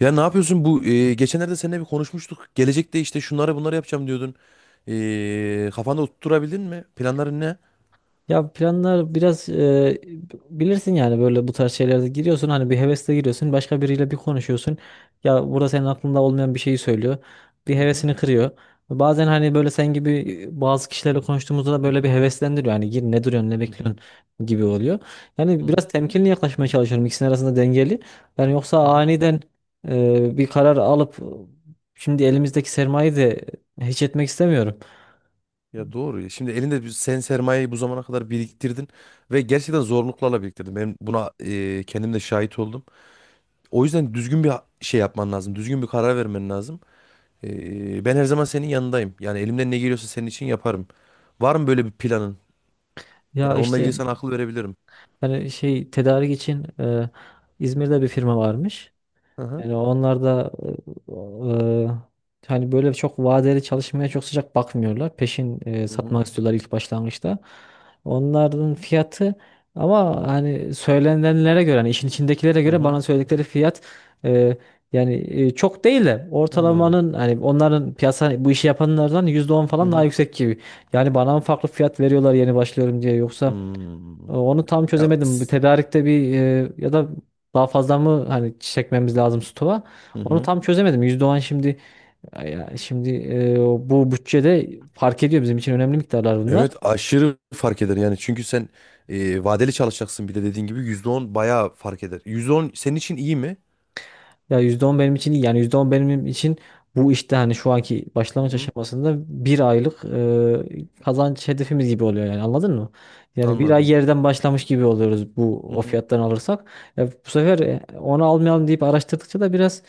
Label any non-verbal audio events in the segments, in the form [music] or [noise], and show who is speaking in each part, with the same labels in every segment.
Speaker 1: Ya ne yapıyorsun bu geçenlerde seninle bir konuşmuştuk. Gelecekte işte şunları bunları yapacağım diyordun. Kafanda oturtturabildin mi? Planların ne?
Speaker 2: Ya planlar biraz bilirsin yani, böyle bu tarz şeylerde giriyorsun, hani bir hevesle giriyorsun, başka biriyle bir konuşuyorsun, ya burada senin aklında olmayan bir şeyi söylüyor, bir
Speaker 1: Hı hı.
Speaker 2: hevesini kırıyor. Bazen hani böyle sen gibi bazı kişilerle konuştuğumuzda da
Speaker 1: Hı
Speaker 2: böyle bir heveslendiriyor, hani gir, ne duruyorsun, ne
Speaker 1: hı.
Speaker 2: bekliyorsun gibi oluyor.
Speaker 1: Hı
Speaker 2: Yani biraz
Speaker 1: hı.
Speaker 2: temkinli yaklaşmaya çalışıyorum, ikisinin arasında dengeli. Yani
Speaker 1: Hı
Speaker 2: yoksa
Speaker 1: hı.
Speaker 2: aniden bir karar alıp şimdi elimizdeki sermayeyi de hiç etmek istemiyorum.
Speaker 1: Ya doğru. Ya. Şimdi elinde sen sermayeyi bu zamana kadar biriktirdin ve gerçekten zorluklarla biriktirdin. Ben buna kendim de şahit oldum. O yüzden düzgün bir şey yapman lazım. Düzgün bir karar vermen lazım. Ben her zaman senin yanındayım. Yani elimden ne geliyorsa senin için yaparım. Var mı böyle bir planın?
Speaker 2: Ya
Speaker 1: Yani onunla
Speaker 2: işte
Speaker 1: ilgili sana akıl verebilirim.
Speaker 2: hani şey, tedarik için İzmir'de bir firma varmış.
Speaker 1: Hı hı.
Speaker 2: Yani onlar da e, hani böyle çok vadeli çalışmaya çok sıcak bakmıyorlar. Peşin
Speaker 1: Hı hı.
Speaker 2: satmak istiyorlar ilk başlangıçta. Onların fiyatı, ama hani söylenenlere göre, hani işin içindekilere
Speaker 1: Hı
Speaker 2: göre,
Speaker 1: hı.
Speaker 2: bana söyledikleri fiyat, e, yani çok değil de
Speaker 1: Anladım.
Speaker 2: ortalamanın, hani onların piyasa bu işi yapanlardan %10
Speaker 1: Hı
Speaker 2: falan daha
Speaker 1: hı.
Speaker 2: yüksek gibi. Yani bana mı farklı fiyat veriyorlar yeni başlıyorum diye, yoksa?
Speaker 1: Hmm.
Speaker 2: Onu tam
Speaker 1: Ya,
Speaker 2: çözemedim. Bir tedarikte bir ya da daha fazla mı hani çekmemiz lazım stoğa?
Speaker 1: hı
Speaker 2: Onu
Speaker 1: hı.
Speaker 2: tam çözemedim. %10, şimdi ya şimdi e, bu bütçede fark ediyor, bizim için önemli miktarlar bunlar.
Speaker 1: Evet, aşırı fark eder yani çünkü sen vadeli çalışacaksın, bir de dediğin gibi %10 bayağı fark eder. %10 senin için iyi mi?
Speaker 2: Ya %10 benim için iyi. Yani %10 benim için bu işte hani şu anki
Speaker 1: Hı
Speaker 2: başlangıç
Speaker 1: hı.
Speaker 2: aşamasında bir aylık kazanç hedefimiz gibi oluyor, yani, anladın mı? Yani bir ay
Speaker 1: Anladım.
Speaker 2: yerden başlamış gibi oluyoruz bu
Speaker 1: Hı
Speaker 2: o
Speaker 1: hı.
Speaker 2: fiyattan alırsak. Ya bu sefer onu almayalım deyip araştırdıkça da biraz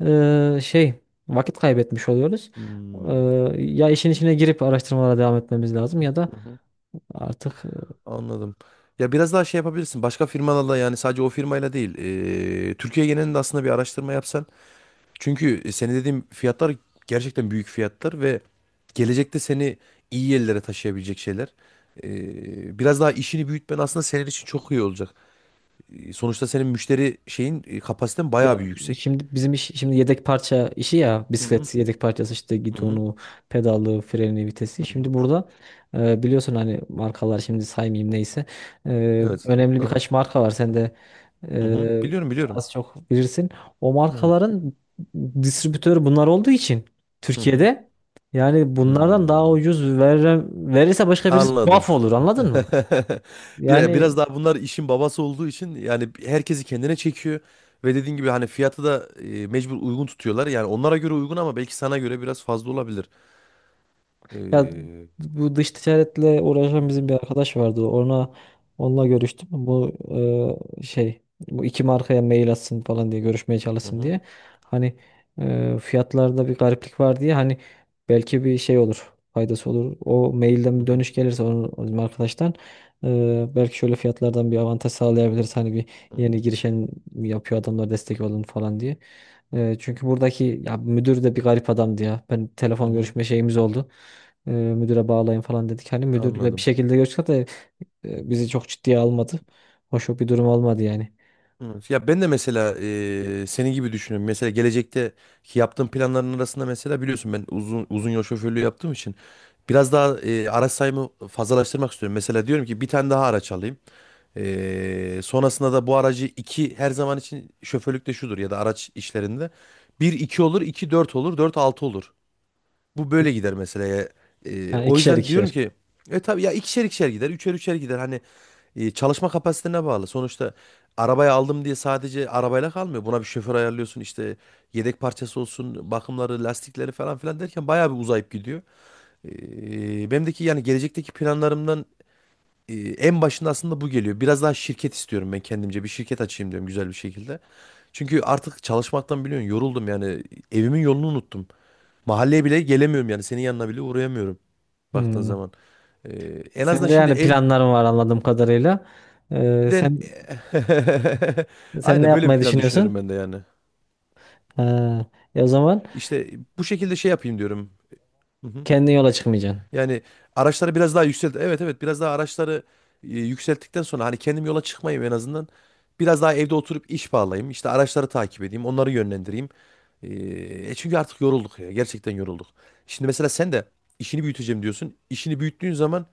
Speaker 2: şey, vakit kaybetmiş oluyoruz. E,
Speaker 1: Hmm.
Speaker 2: Ya işin içine girip araştırmalara devam etmemiz lazım, ya da
Speaker 1: Hı hı.
Speaker 2: artık.
Speaker 1: Anladım. Ya biraz daha şey yapabilirsin. Başka firmalarla, yani sadece o firmayla değil. Türkiye genelinde aslında bir araştırma yapsan. Çünkü senin dediğim fiyatlar gerçekten büyük fiyatlar ve gelecekte seni iyi yerlere taşıyabilecek şeyler. Biraz daha işini büyütmen aslında senin için çok iyi olacak. Sonuçta senin müşteri şeyin kapasiten bayağı bir
Speaker 2: Ya
Speaker 1: yüksek.
Speaker 2: şimdi bizim iş, şimdi yedek parça işi, ya
Speaker 1: Hı hı.
Speaker 2: bisiklet yedek parçası, işte
Speaker 1: Hı hı.
Speaker 2: gidonu, pedalı, freni, vitesi. Şimdi burada biliyorsun hani markalar, şimdi saymayayım neyse.
Speaker 1: Evet.
Speaker 2: Önemli
Speaker 1: Hı hı.
Speaker 2: birkaç marka var. Sen de
Speaker 1: Hı hı.
Speaker 2: e,
Speaker 1: Biliyorum, biliyorum.
Speaker 2: az çok bilirsin. O
Speaker 1: Evet.
Speaker 2: markaların distribütörü bunlar olduğu için
Speaker 1: Hı hı.
Speaker 2: Türkiye'de, yani bunlardan daha
Speaker 1: Hmm.
Speaker 2: ucuz verirse başka birisi
Speaker 1: Anladım.
Speaker 2: tuhaf olur, anladın mı?
Speaker 1: [laughs]
Speaker 2: Yani.
Speaker 1: Biraz daha bunlar işin babası olduğu için yani herkesi kendine çekiyor ve dediğin gibi hani fiyatı da mecbur uygun tutuyorlar. Yani onlara göre uygun ama belki sana göre biraz fazla olabilir.
Speaker 2: Ya
Speaker 1: Ee,
Speaker 2: bu dış ticaretle uğraşan bizim bir arkadaş vardı. Onunla görüştüm. Bu şey, bu iki markaya mail atsın falan diye, görüşmeye
Speaker 1: hı
Speaker 2: çalışsın
Speaker 1: hı,
Speaker 2: diye. Hani fiyatlarda bir gariplik var diye, hani belki bir şey olur, faydası olur. O mailden
Speaker 1: hı
Speaker 2: bir
Speaker 1: hı,
Speaker 2: dönüş gelirse onun, bizim arkadaştan, belki şöyle fiyatlardan bir avantaj sağlayabiliriz. Hani bir
Speaker 1: hı
Speaker 2: yeni
Speaker 1: hı,
Speaker 2: girişen yapıyor, adamlar destek olun falan diye. Çünkü buradaki, ya müdür de bir garip adamdı ya. Ben
Speaker 1: hı
Speaker 2: telefon
Speaker 1: hı.
Speaker 2: görüşme şeyimiz oldu. Müdüre bağlayın falan dedik. Hani müdürle bir
Speaker 1: Anladım.
Speaker 2: şekilde görüştük de bizi çok ciddiye almadı. Hoş bir durum olmadı yani.
Speaker 1: Evet. Ya ben de mesela senin gibi düşünüyorum. Mesela gelecekte yaptığım planların arasında, mesela biliyorsun, ben uzun uzun yol şoförlüğü yaptığım için biraz daha araç sayımı fazlalaştırmak istiyorum. Mesela diyorum ki bir tane daha araç alayım. Sonrasında da bu aracı iki, her zaman için şoförlükte şudur ya da araç işlerinde. Bir iki olur, iki dört olur, dört altı olur. Bu böyle gider mesela. Ya.
Speaker 2: Ha,
Speaker 1: O
Speaker 2: ikişer
Speaker 1: yüzden diyorum
Speaker 2: ikişer.
Speaker 1: ki tabii ya, ikişer ikişer gider, üçer üçer gider. Hani çalışma kapasitene bağlı. Sonuçta arabayı aldım diye sadece arabayla kalmıyor. Buna bir şoför ayarlıyorsun, işte yedek parçası olsun, bakımları, lastikleri falan filan derken bayağı bir uzayıp gidiyor. Benimdeki yani gelecekteki planlarımdan en başında aslında bu geliyor. Biraz daha şirket istiyorum ben kendimce. Bir şirket açayım diyorum güzel bir şekilde. Çünkü artık çalışmaktan biliyorsun yoruldum yani, evimin yolunu unuttum. Mahalleye bile gelemiyorum yani. Senin yanına bile uğrayamıyorum baktığın
Speaker 2: Hmm.
Speaker 1: zaman. Ee, En azından
Speaker 2: Sen de
Speaker 1: şimdi
Speaker 2: yani planların var anladığım kadarıyla. E,
Speaker 1: evden...
Speaker 2: sen
Speaker 1: [laughs]
Speaker 2: sen ne
Speaker 1: Aynen böyle bir
Speaker 2: yapmayı
Speaker 1: plan düşünüyorum
Speaker 2: düşünüyorsun?
Speaker 1: ben de yani.
Speaker 2: Ha, o zaman
Speaker 1: İşte bu şekilde şey yapayım diyorum. Hı hı.
Speaker 2: kendi yola çıkmayacaksın.
Speaker 1: Yani araçları biraz daha yükselt. Evet, evet, biraz daha araçları yükselttikten sonra hani kendim yola çıkmayayım en azından. Biraz daha evde oturup iş bağlayayım. İşte araçları takip edeyim. Onları yönlendireyim. Ee, Çünkü artık yorulduk ya. Gerçekten yorulduk. Şimdi mesela sen de işini büyüteceğim diyorsun. İşini büyüttüğün zaman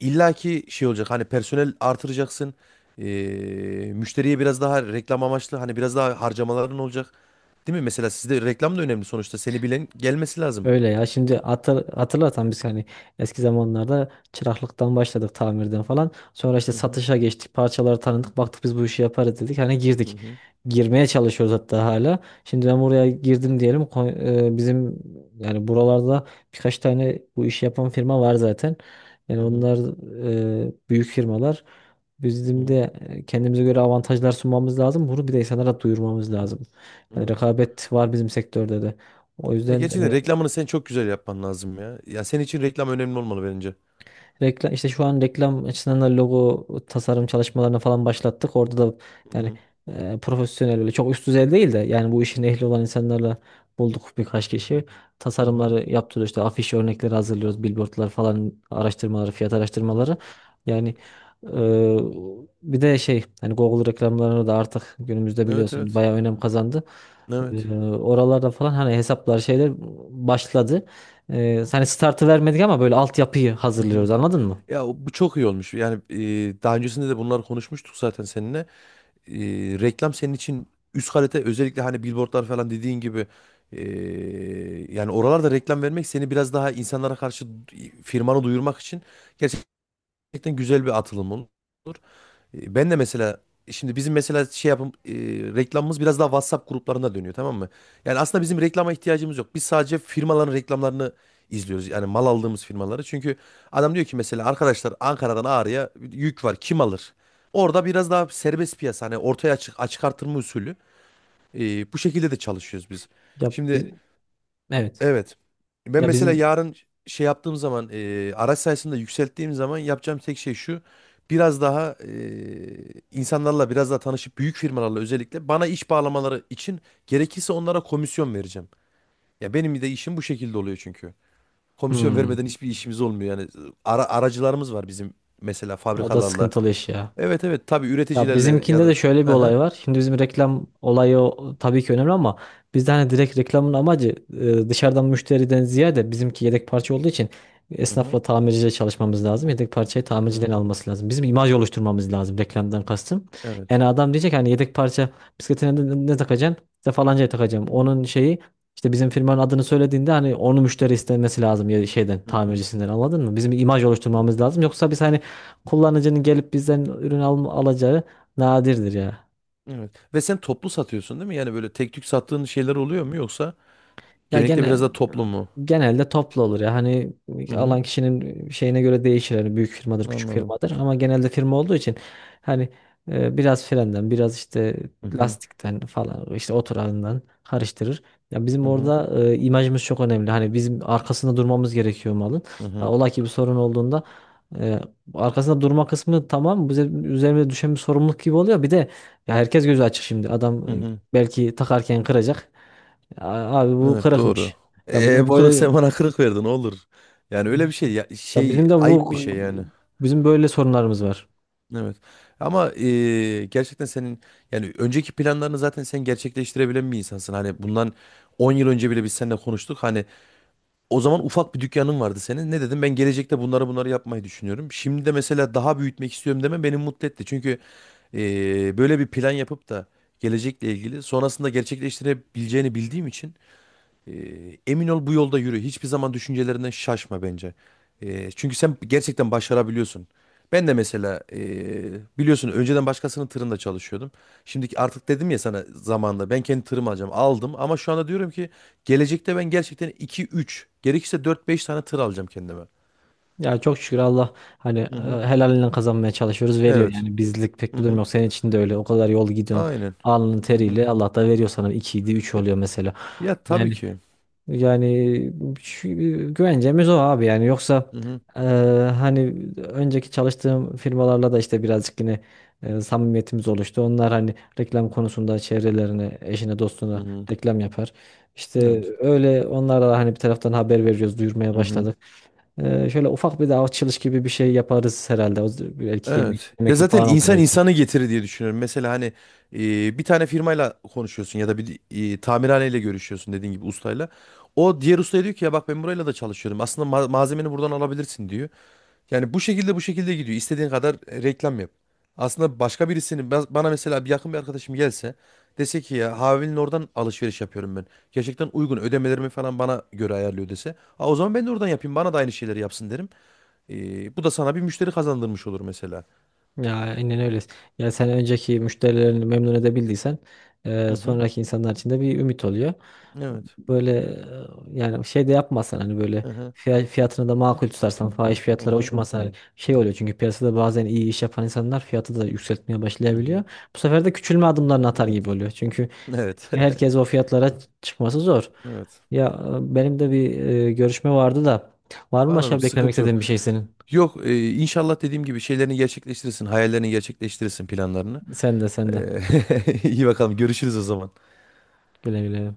Speaker 1: İlla ki şey olacak, hani personel artıracaksın. Müşteriye biraz daha reklam amaçlı hani biraz daha harcamaların olacak. Değil mi? Mesela sizde reklam da önemli sonuçta. Seni bilen gelmesi lazım.
Speaker 2: Öyle ya, şimdi hatırlatan biz, hani eski zamanlarda çıraklıktan başladık, tamirden falan. Sonra işte
Speaker 1: Hı hı
Speaker 2: satışa geçtik, parçaları tanıdık, baktık biz bu işi yaparız dedik, hani
Speaker 1: hı
Speaker 2: girdik.
Speaker 1: hı
Speaker 2: Girmeye çalışıyoruz hatta hala. Şimdi ben buraya girdim diyelim, bizim, yani buralarda birkaç tane bu işi yapan firma var zaten. Yani
Speaker 1: hı hı.
Speaker 2: onlar büyük firmalar. Bizim
Speaker 1: Hı.
Speaker 2: de kendimize göre avantajlar sunmamız lazım. Bunu bir de insanlara duyurmamız lazım. Yani
Speaker 1: Evet.
Speaker 2: rekabet var bizim sektörde de. O
Speaker 1: Ya
Speaker 2: yüzden
Speaker 1: gerçekten reklamını sen çok güzel yapman lazım ya. Ya senin için reklam önemli olmalı bence.
Speaker 2: reklam, işte şu an reklam açısından da logo tasarım çalışmalarına falan başlattık. Orada da
Speaker 1: Hı
Speaker 2: yani
Speaker 1: hı
Speaker 2: profesyonel böyle çok üst düzey değil de, yani bu işin ehli olan insanlarla bulduk birkaç kişi.
Speaker 1: hı hı hı.
Speaker 2: Tasarımları yaptırıyoruz, işte afiş örnekleri hazırlıyoruz, billboardlar falan araştırmaları, fiyat
Speaker 1: Hı
Speaker 2: araştırmaları.
Speaker 1: hı.
Speaker 2: Yani e, bir de şey, hani Google reklamlarını da artık günümüzde
Speaker 1: Evet,
Speaker 2: biliyorsun
Speaker 1: evet.
Speaker 2: bayağı önem kazandı.
Speaker 1: Evet.
Speaker 2: Oralarda falan hani hesaplar, şeyler başladı. Hani startı vermedik ama böyle altyapıyı
Speaker 1: Hı hı.
Speaker 2: hazırlıyoruz, anladın mı?
Speaker 1: Ya bu çok iyi olmuş. Yani daha öncesinde de bunlar konuşmuştuk zaten seninle. e, Reklam senin için üst kalite, özellikle hani billboardlar falan dediğin gibi, e, yani oralarda reklam vermek seni biraz daha insanlara karşı firmanı duyurmak için gerçekten güzel bir atılım olur. Ben de mesela şimdi bizim mesela şey yapım, reklamımız biraz daha WhatsApp gruplarına dönüyor, tamam mı? Yani aslında bizim reklama ihtiyacımız yok. Biz sadece firmaların reklamlarını izliyoruz. Yani mal aldığımız firmaları. Çünkü adam diyor ki mesela, arkadaşlar Ankara'dan Ağrı'ya yük var, kim alır? Orada biraz daha serbest piyasa, hani ortaya açık, açık artırma usulü. Bu şekilde de çalışıyoruz biz.
Speaker 2: Ya biz,
Speaker 1: Şimdi.
Speaker 2: evet.
Speaker 1: Evet. Ben
Speaker 2: Ya, evet,
Speaker 1: mesela
Speaker 2: bizim,
Speaker 1: yarın şey yaptığım zaman, araç sayısını da yükselttiğim zaman yapacağım tek şey şu. Biraz daha insanlarla biraz daha tanışıp büyük firmalarla özellikle, bana iş bağlamaları için gerekirse onlara komisyon vereceğim. Ya benim de işim bu şekilde oluyor çünkü. Komisyon
Speaker 2: hmm,
Speaker 1: vermeden hiçbir işimiz olmuyor yani. Aracılarımız var bizim mesela,
Speaker 2: o da
Speaker 1: fabrikalarla.
Speaker 2: sıkıntılı iş ya.
Speaker 1: Evet, evet, tabii,
Speaker 2: Ya
Speaker 1: üreticilerle ya
Speaker 2: bizimkinde de
Speaker 1: da.
Speaker 2: şöyle bir
Speaker 1: Hı hı.
Speaker 2: olay var. Şimdi bizim reklam olayı, o- tabii ki önemli ama bizde hani direkt reklamın amacı, dışarıdan müşteriden ziyade, bizimki yedek parça olduğu için
Speaker 1: Hı hı.
Speaker 2: esnafla, tamirciyle çalışmamız lazım. Yedek parçayı
Speaker 1: Hı
Speaker 2: tamirciden
Speaker 1: hı.
Speaker 2: alması lazım. Bizim imaj oluşturmamız lazım, reklamdan kastım.
Speaker 1: Evet.
Speaker 2: Yani adam diyecek hani yedek parça, bisikletine ne, ne takacaksın? İşte falancaya takacağım.
Speaker 1: Hı hı.
Speaker 2: Onun şeyi, işte bizim firmanın adını söylediğinde, hani onu müşteri istemesi lazım ya, şeyden,
Speaker 1: Hı hı.
Speaker 2: tamircisinden, anladın mı? Bizim imaj
Speaker 1: Hı
Speaker 2: oluşturmamız
Speaker 1: hı.
Speaker 2: lazım. Yoksa biz hani kullanıcının gelip bizden ürün alacağı nadirdir ya.
Speaker 1: Evet. Ve sen toplu satıyorsun, değil mi? Yani böyle tek tük sattığın şeyler oluyor mu, yoksa
Speaker 2: Ya
Speaker 1: genellikle biraz da toplu mu?
Speaker 2: genelde toplu olur ya. Hani
Speaker 1: Hı hı.
Speaker 2: alan kişinin şeyine göre değişir. Hani büyük firmadır, küçük
Speaker 1: Anladım.
Speaker 2: firmadır, ama genelde firma olduğu için hani biraz frenden, biraz işte
Speaker 1: Hı hı.
Speaker 2: lastikten falan, işte oturağından karıştırır. Ya bizim
Speaker 1: Hı hı.
Speaker 2: orada imajımız çok önemli. Hani bizim arkasında durmamız gerekiyor malın.
Speaker 1: Hı
Speaker 2: Ya
Speaker 1: hı.
Speaker 2: ola ki bir sorun olduğunda e, arkasında durma kısmı, tamam, bize üzerimize düşen bir sorumluluk gibi oluyor. Bir de ya herkes gözü açık şimdi. Adam
Speaker 1: Hı hı.
Speaker 2: belki takarken kıracak. Abi bu
Speaker 1: Evet, doğru.
Speaker 2: kırıkmış. Ya bizim
Speaker 1: Bu kırık
Speaker 2: böyle
Speaker 1: sen bana kırık verdin olur. Yani öyle bir şey ya,
Speaker 2: ya
Speaker 1: şey,
Speaker 2: bizim de
Speaker 1: ayıp bir
Speaker 2: bu
Speaker 1: şey yani.
Speaker 2: Bizim böyle sorunlarımız var.
Speaker 1: Evet. Ama gerçekten senin, yani önceki planlarını zaten sen gerçekleştirebilen bir insansın. Hani bundan 10 yıl önce bile biz seninle konuştuk. Hani, o zaman ufak bir dükkanın vardı senin. Ne dedim? Ben gelecekte bunları bunları yapmayı düşünüyorum. Şimdi de mesela daha büyütmek istiyorum deme beni mutlu etti. Çünkü böyle bir plan yapıp da gelecekle ilgili sonrasında gerçekleştirebileceğini bildiğim için, emin ol bu yolda yürü. Hiçbir zaman düşüncelerinden şaşma bence. Çünkü sen gerçekten başarabiliyorsun. Ben de mesela biliyorsun önceden başkasının tırında çalışıyordum. Şimdiki artık dedim ya sana zamanında, ben kendi tırımı alacağım. Aldım ama şu anda diyorum ki gelecekte ben gerçekten iki üç, gerekirse dört beş tane tır alacağım kendime.
Speaker 2: Ya çok şükür, Allah hani
Speaker 1: Hı hı.
Speaker 2: helalinden kazanmaya çalışıyoruz, veriyor
Speaker 1: Evet.
Speaker 2: yani, bizlik pek
Speaker 1: Hı
Speaker 2: bir durum
Speaker 1: hı.
Speaker 2: yok. Senin için de öyle, o kadar yol gidiyorsun,
Speaker 1: Aynen.
Speaker 2: alnın
Speaker 1: Hı hı.
Speaker 2: teriyle Allah da veriyor sana, 2 3
Speaker 1: Ya,
Speaker 2: oluyor mesela.
Speaker 1: ya tabii
Speaker 2: Yani
Speaker 1: ki.
Speaker 2: Yani şu- güvencemiz o, abi, yani, yoksa
Speaker 1: Hı hı.
Speaker 2: e, hani önceki çalıştığım firmalarla da işte birazcık yine samimiyetimiz oluştu. Onlar hani reklam konusunda çevrelerine, eşine,
Speaker 1: Hı
Speaker 2: dostuna
Speaker 1: hı.
Speaker 2: reklam yapar. İşte
Speaker 1: Evet.
Speaker 2: öyle onlara da hani bir taraftan haber veriyoruz, duyurmaya
Speaker 1: Hı hı.
Speaker 2: başladık. Şöyle ufak bir de açılış gibi bir şey yaparız herhalde. Belki
Speaker 1: Evet. Ya
Speaker 2: yemekli
Speaker 1: zaten
Speaker 2: falan olur
Speaker 1: insan
Speaker 2: belki.
Speaker 1: insanı getirir diye düşünüyorum. Mesela hani bir tane firmayla konuşuyorsun ya da bir tamirhaneyle görüşüyorsun, dediğin gibi ustayla. O diğer ustaya diyor ki, ya bak ben burayla da çalışıyorum. Aslında malzemeni buradan alabilirsin diyor. Yani bu şekilde, bu şekilde gidiyor. İstediğin kadar reklam yap. Aslında başka birisinin, bana mesela bir yakın bir arkadaşım gelse, dese ki ya Havil'in oradan alışveriş yapıyorum ben. Gerçekten uygun, ödemelerimi falan bana göre ayarlıyor dese. Ha, o zaman ben de oradan yapayım, bana da aynı şeyleri yapsın derim. Bu da sana bir müşteri kazandırmış olur mesela.
Speaker 2: Ya aynen öyle. Ya sen önceki müşterilerini memnun edebildiysen,
Speaker 1: Hı hı.
Speaker 2: sonraki insanlar için de bir ümit oluyor.
Speaker 1: Evet.
Speaker 2: Böyle yani şey de yapmasan, hani böyle
Speaker 1: Hı hı.
Speaker 2: fiyatını da makul tutarsan, fahiş
Speaker 1: Hı
Speaker 2: fiyatlara
Speaker 1: hı.
Speaker 2: uçmasan, hani şey oluyor, çünkü piyasada bazen iyi iş yapan insanlar fiyatı da yükseltmeye
Speaker 1: Hı
Speaker 2: başlayabiliyor.
Speaker 1: hı.
Speaker 2: Bu sefer de küçülme adımlarını atar gibi
Speaker 1: Evet.
Speaker 2: oluyor. Çünkü
Speaker 1: Evet. [laughs]
Speaker 2: herkes o fiyatlara çıkması zor.
Speaker 1: Evet.
Speaker 2: Ya benim de bir görüşme vardı da, var mı
Speaker 1: Anladım.
Speaker 2: başka beklemek
Speaker 1: Sıkıntı yok.
Speaker 2: istediğin bir şey senin?
Speaker 1: Yok, inşallah dediğim gibi şeylerini gerçekleştirirsin, hayallerini gerçekleştirirsin, planlarını.
Speaker 2: Sen de, sen de.
Speaker 1: E, [laughs] iyi bakalım. Görüşürüz o zaman.
Speaker 2: Güle güle.